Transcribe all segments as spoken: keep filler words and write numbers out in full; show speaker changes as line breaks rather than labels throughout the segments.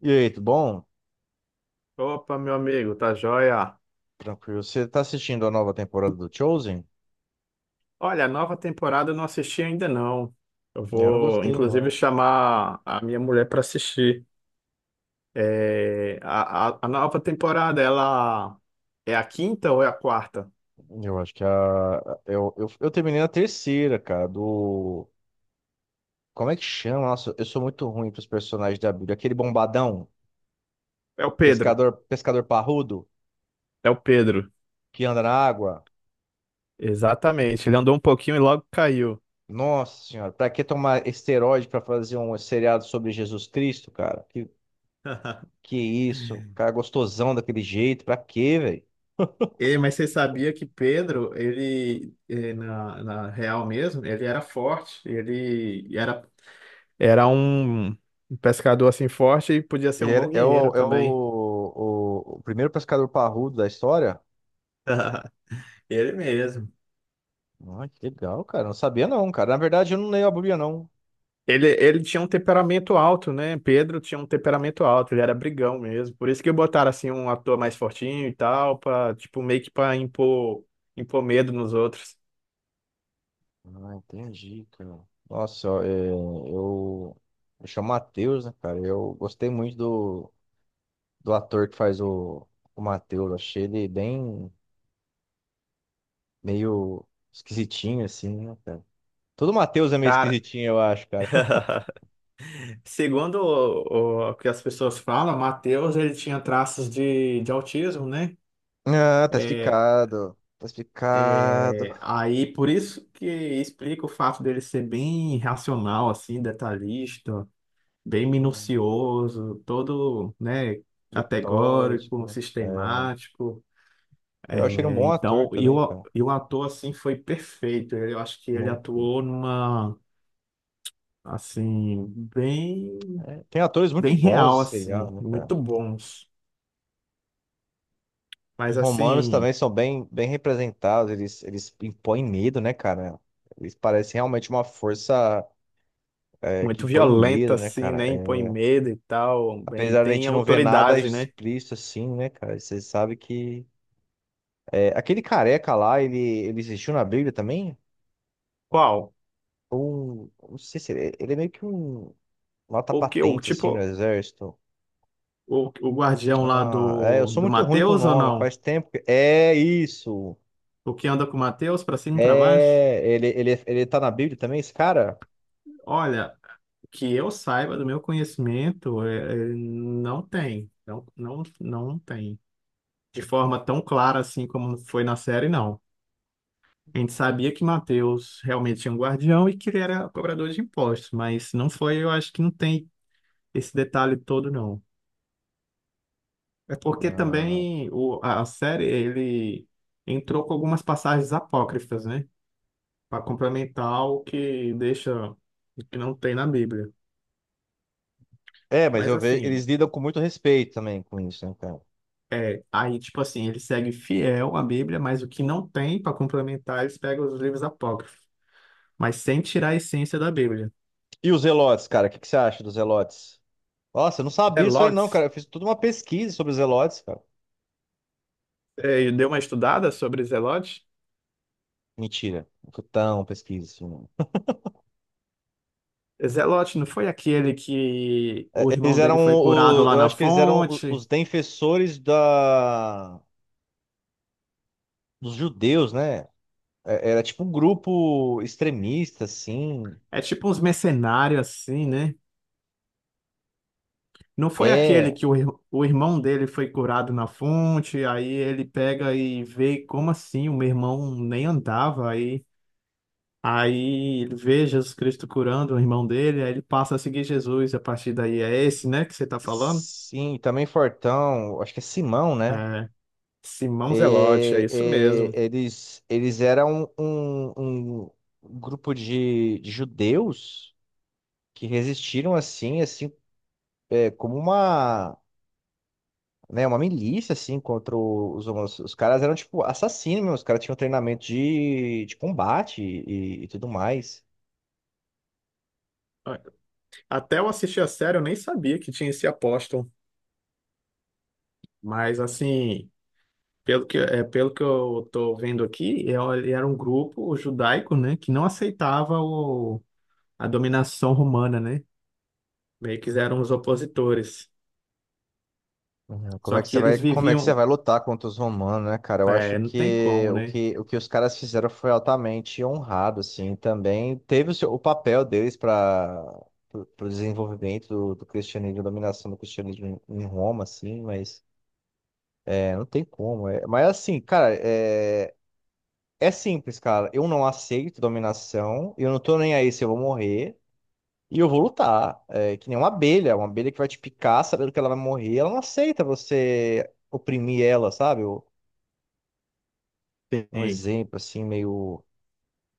E aí, tudo bom?
Opa, meu amigo, tá joia?
Tranquilo. Você tá assistindo a nova temporada do Chosen?
Olha, a nova temporada eu não assisti ainda não. Eu
Eu não
vou,
gostei,
inclusive,
não.
chamar a minha mulher para assistir. É, a, a, a nova temporada, ela é a quinta ou é a quarta?
Eu acho que a. Eu, eu, eu terminei na terceira, cara, do. Como é que chama? Nossa, eu sou muito ruim pros personagens da Bíblia. Aquele bombadão,
É o Pedro.
pescador, pescador parrudo,
É o Pedro.
que anda na água.
Exatamente. Ele andou um pouquinho e logo caiu.
Nossa senhora, pra que tomar esteroide pra fazer um seriado sobre Jesus Cristo, cara? Que, que isso? Cara é gostosão daquele jeito, pra quê, velho?
E, mas você sabia que Pedro, ele, eh, na, na real mesmo, ele era forte, ele era Era um um pescador assim forte e podia ser
Ele
um bom
era- é
guerreiro
o, é
também.
o, o, o primeiro pescador parrudo da história.
Ele mesmo.
Ah, que legal, cara. Não sabia não, cara. Na verdade, eu não leio a Bíblia, não.
Ele, ele tinha um temperamento alto, né? Pedro tinha um temperamento alto, ele era brigão mesmo. Por isso que botaram assim um ator mais fortinho e tal, pra, tipo, meio que pra impor, impor medo nos outros.
Ah, entendi, cara. Nossa, ó, é, eu, eu chamo Matheus, né, cara? Eu gostei muito do, do ator que faz o, o Matheus. Achei ele bem meio esquisitinho, assim, né, cara? Todo Matheus é meio
Cara,
esquisitinho, eu acho, cara.
segundo o, o que as pessoas falam, Mateus ele tinha traços de, de autismo, né?
Ah, tá explicado. Tá explicado.
Aí, por isso que explica o fato dele ser bem racional, assim, detalhista, bem
Hum.
minucioso, todo, né,
Letórgico,
categórico,
né? É,
sistemático.
eu achei ele um
É,
bom ator
então, e
também,
o,
cara.
e o ator, assim, foi perfeito. Ele- Eu acho que ele
Muito.
atuou numa, assim, bem,
É, tem atores muito
bem
bons
real,
esse serial,
assim,
né, cara?
muito bons.
Os
Mas,
romanos
assim,
também são bem, bem representados, eles, eles impõem medo, né, cara? Eles parecem realmente uma força é, que
muito
impõe
violenta
medo, né,
assim,
cara?
né, impõe
É,
medo e tal, bem,
apesar da
tem
gente não ver nada
autoridade, né?
explícito assim, né, cara? Você sabe que. é, aquele careca lá, ele, ele existiu na Bíblia também?
Qual?
Ou. Não sei se ele, ele é meio que um. Nota
O que, o
patente,
tipo...
assim, no exército.
o, o guardião lá
Ah, é, eu
do,
sou
do
muito ruim com o
Matheus ou
nome,
não?
faz tempo que. É isso!
O que anda com o Matheus pra cima e pra baixo?
É, ele, ele, ele tá na Bíblia também, esse cara?
Olha, que eu saiba do meu conhecimento, é, é, não tem. Não, não, não tem. De forma tão clara assim como foi na série, não. A gente sabia que Matheus realmente tinha um guardião e que ele era cobrador de impostos, mas não foi, eu acho que não tem esse detalhe todo, não. É porque
Ah,
também o, a a série, ele entrou com algumas passagens apócrifas, né? Para complementar o que deixa o que não tem na Bíblia.
é, mas
Mas
eu vejo, eles
assim,
lidam com muito respeito também com isso, né, cara?
é, aí tipo assim, ele segue fiel à Bíblia, mas o que não tem para complementar, eles pegam os livros apócrifos, mas sem tirar a essência da Bíblia.
E os Zelotes, cara, o que, que você acha dos Zelotes? Nossa, eu não sabia isso aí não, cara.
Zelotes,
Eu fiz toda uma pesquisa sobre os Zelotes, cara.
é, deu uma estudada sobre Zelote?
Mentira, não foi tão pesquisa assim, não.
Zelote não foi aquele que
É,
o
eles
irmão
eram,
dele foi curado
o,
lá
eu
na
acho que eles eram o-
fonte?
os defensores da, dos judeus, né? É, era tipo um grupo extremista, assim.
É tipo uns mercenários assim, né? Não foi aquele
É,
que o, ir- o irmão dele foi curado na fonte, aí ele pega e vê como assim o meu irmão nem andava, aí, aí ele vê Jesus Cristo curando o irmão dele, aí ele passa a seguir Jesus, a partir daí é esse, né, que você tá falando?
sim, também Fortão, acho que é Simão, né?
É, Simão Zelote, é
E-
isso
e-
mesmo.
eles, eles eram um, um um grupo de, de judeus que resistiram assim, assim, é, como uma, né, uma milícia assim contra os homossexuais. Os caras eram tipo assassinos, mesmo, os caras tinham treinamento de, de combate e, e tudo mais.
Até eu assistir a série, eu nem sabia que tinha esse apóstolo, mas assim, pelo que, é, pelo que eu tô vendo aqui, é, ele era um grupo judaico, né, que não aceitava a dominação romana, né? Meio que eram os opositores.
Uhum. Como
Só
é que
que
você vai,
eles
como é que você
viviam,
vai lutar contra os romanos, né, cara? Eu acho
é, não tem
que
como,
o
né?
que, o que os caras fizeram foi altamente honrado, assim, também teve o, seu- o papel deles para o desenvolvimento do, do cristianismo, a dominação do cristianismo em, em Roma, assim, mas é, não tem como. É. Mas assim, cara, é, é simples, cara. Eu não aceito dominação, eu não tô nem aí se eu vou morrer. E eu vou lutar. É que nem uma abelha, uma abelha que vai te picar sabendo que ela vai morrer, ela não aceita você oprimir ela, sabe? Um um
Tem,
exemplo assim, meio,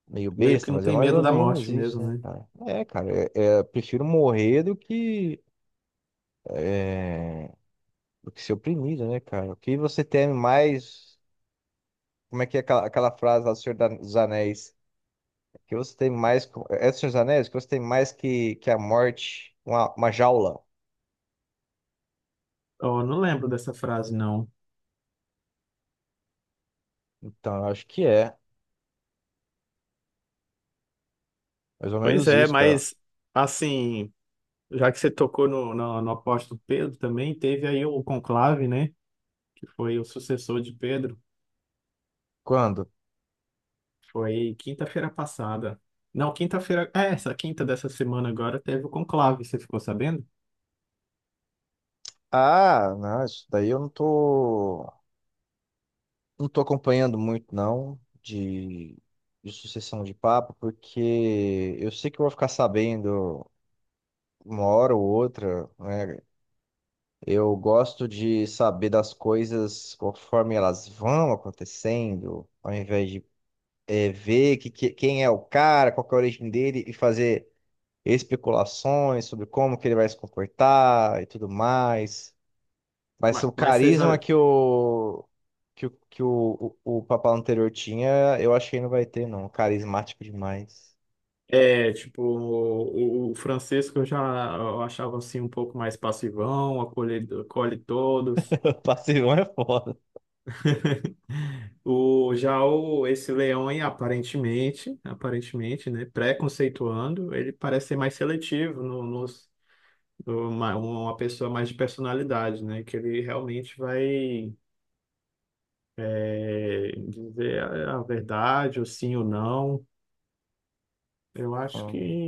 meio
meio que
besta,
não
mas é
tem
mais
medo
ou
da
menos
morte
isso,
mesmo,
né,
né?
cara? É, cara, é, é, eu prefiro morrer do que, é, do que ser oprimido, né, cara? O que você teme mais. Como é que é aquela, aquela frase lá do Senhor da- dos Anéis? O que você tem mais. Co- é é do Senhor dos Anéis? O que você tem mais que, que a morte, uma, uma jaula.
Oh, não lembro dessa frase, não.
Então, eu acho que é. Mais ou
Pois
menos
é,
isso, cara.
mas assim, já que você tocou no, no, no apóstolo Pedro também, teve aí o conclave, né? Que foi o sucessor de Pedro.
Quando?
Foi quinta-feira passada. Não, quinta-feira, é, essa quinta dessa semana agora teve o conclave, você ficou sabendo?
Ah, não, isso daí eu não tô, não tô acompanhando muito, não, de, de sucessão de papo, porque eu sei que eu vou ficar sabendo uma hora ou outra, né? Eu gosto de saber das coisas conforme elas vão acontecendo, ao invés de eh, ver que, que- quem é o cara, qual que é a origem dele e fazer especulações sobre como que ele vai se comportar e tudo mais. Vai ser
Mas,
o
mas você já,
carisma que o que, o, que o, o, o papal anterior tinha, eu acho que não vai ter, não. Carismático demais.
é, tipo, o, o Francisco eu já eu achava assim um pouco mais passivão, acolhe, acolhe todos.
Passivão é foda.
O, já o, esse leão aí, aparentemente, aparentemente, né, preconceituando, ele parece ser mais seletivo no, nos- no- uma, uma pessoa mais de personalidade, né, que ele realmente vai é, dizer a, a verdade, ou sim ou não. Eu acho que
Hum.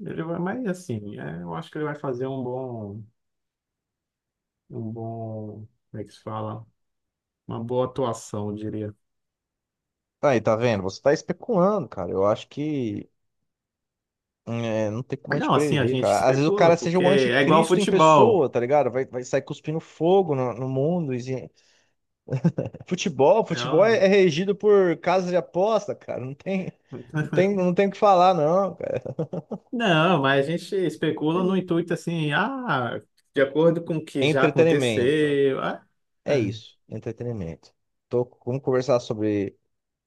ele vai mais assim, é, eu acho que ele vai fazer um bom um bom, como é que se fala? Uma boa atuação, eu diria.
Aí, tá vendo? Você tá especulando, cara. Eu acho que é, não tem como a gente
Não, assim, a
prever,
gente
cara. Às vezes o cara
especula,
seja
porque
o
é igual
anticristo em
futebol.
pessoa, tá ligado? Vai, vai sair cuspindo fogo no, no mundo. E- futebol,
É,
futebol
ó.
é, é regido por casas de aposta, cara. Não tem, não tem, não tem o que falar, não, cara.
Não, mas a gente
É
especula no
isso.
intuito assim, ah, de acordo com o que já
Entretenimento.
aconteceu. Ah,
É
ah,
isso, entretenimento. Tô, vamos conversar sobre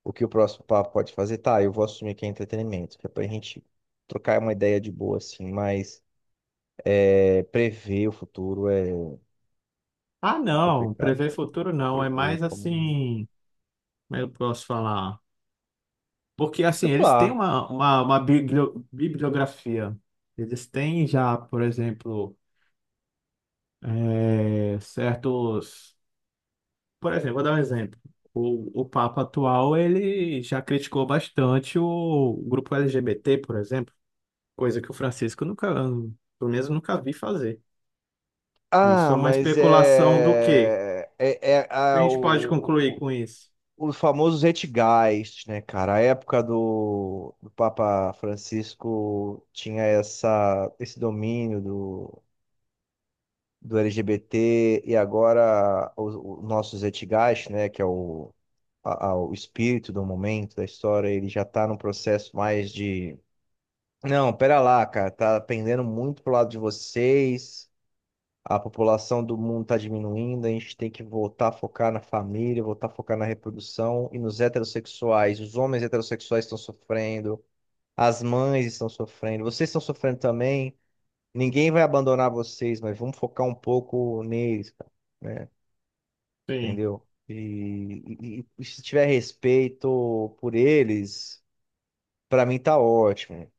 o que o próximo papo pode fazer. Tá, eu vou assumir que é entretenimento, que é pra gente trocar uma ideia de boa, assim, mas é, prever o futuro é,
ah,
é
não,
complicado,
prever
cara.
futuro não, é
Prever
mais
como.
assim, como eu posso falar? Porque assim, eles têm
Especular.
uma, uma, uma biblio- bibliografia. Eles têm já, por exemplo, eh, certos. Por exemplo, vou dar um exemplo. O, o Papa atual, ele já criticou bastante o grupo L G B T, por exemplo, coisa que o Francisco nunca, pelo menos nunca vi fazer. Isso
Ah,
é uma
mas
especulação do quê?
é. É, é
O que a
ah,
gente pode concluir
o,
com isso?
o, o famoso Zeitgeist, né, cara? A época do, do Papa Francisco tinha essa, esse domínio do do L G B T e agora os, os nossos Zeitgeist, né, que é o, a- a- o espírito do momento da história, ele já está num processo mais de não, pera lá, cara, tá pendendo muito pro lado de vocês. A população do mundo tá diminuindo, a gente tem que voltar a focar na família, voltar a focar na reprodução e nos heterossexuais. Os homens heterossexuais estão sofrendo, as mães estão sofrendo, vocês estão sofrendo também. Ninguém vai abandonar vocês, mas vamos focar um pouco neles, cara, né?
Sim,
Entendeu? E, e- e se tiver respeito por eles, pra mim tá ótimo.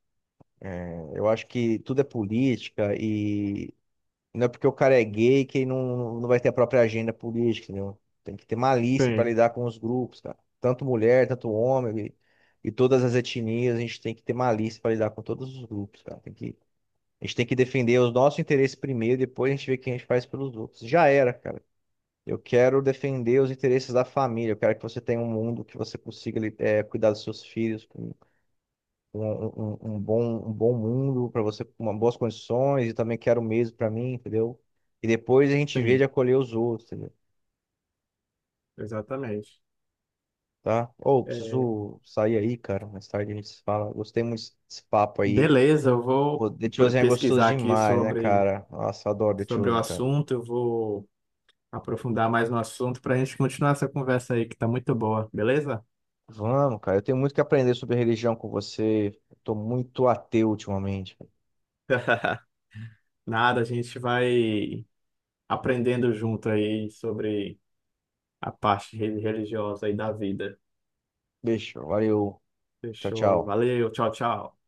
Eu acho que tudo é política e não é porque o cara é gay que ele não, não vai ter a própria agenda política, entendeu? Tem que ter malícia pra
sim,
lidar com os grupos, cara. Tanto mulher, tanto homem e, e todas as etnias, a gente tem que ter malícia pra lidar com todos os grupos, cara. Tem que, a gente tem que defender os nossos interesses primeiro, depois a gente vê o que a gente faz pelos outros. Já era, cara. Eu quero defender os interesses da família. Eu quero que você tenha um mundo que você consiga li- eh, cuidar dos seus filhos com com um, um- um um bom, um bom mundo para você, com uma- boas condições. E também quero o mesmo para mim, entendeu? E depois a gente vê de
sim.
acolher os outros, entendeu?
Exatamente.
Tá? Ou
É,
preciso sair aí, cara. Mais tarde a gente se fala. Gostei muito desse desse papo aí.
beleza, eu vou
Pô, The
pre-
Chosen é gostoso
pesquisar aqui
demais, né,
sobre,
cara? Nossa, eu adoro The
sobre o
Chosen, cara.
assunto, eu vou aprofundar mais no assunto para a gente continuar essa conversa aí, que está muito boa, beleza?
Vamos, cara. Eu tenho muito que aprender sobre religião com você. Eu tô muito ateu ultimamente.
Nada, a gente vai aprendendo junto aí sobre a parte re- religiosa aí da vida.
Beijo, valeu. Tchau,
Fechou.
tchau.
Valeu, tchau, tchau.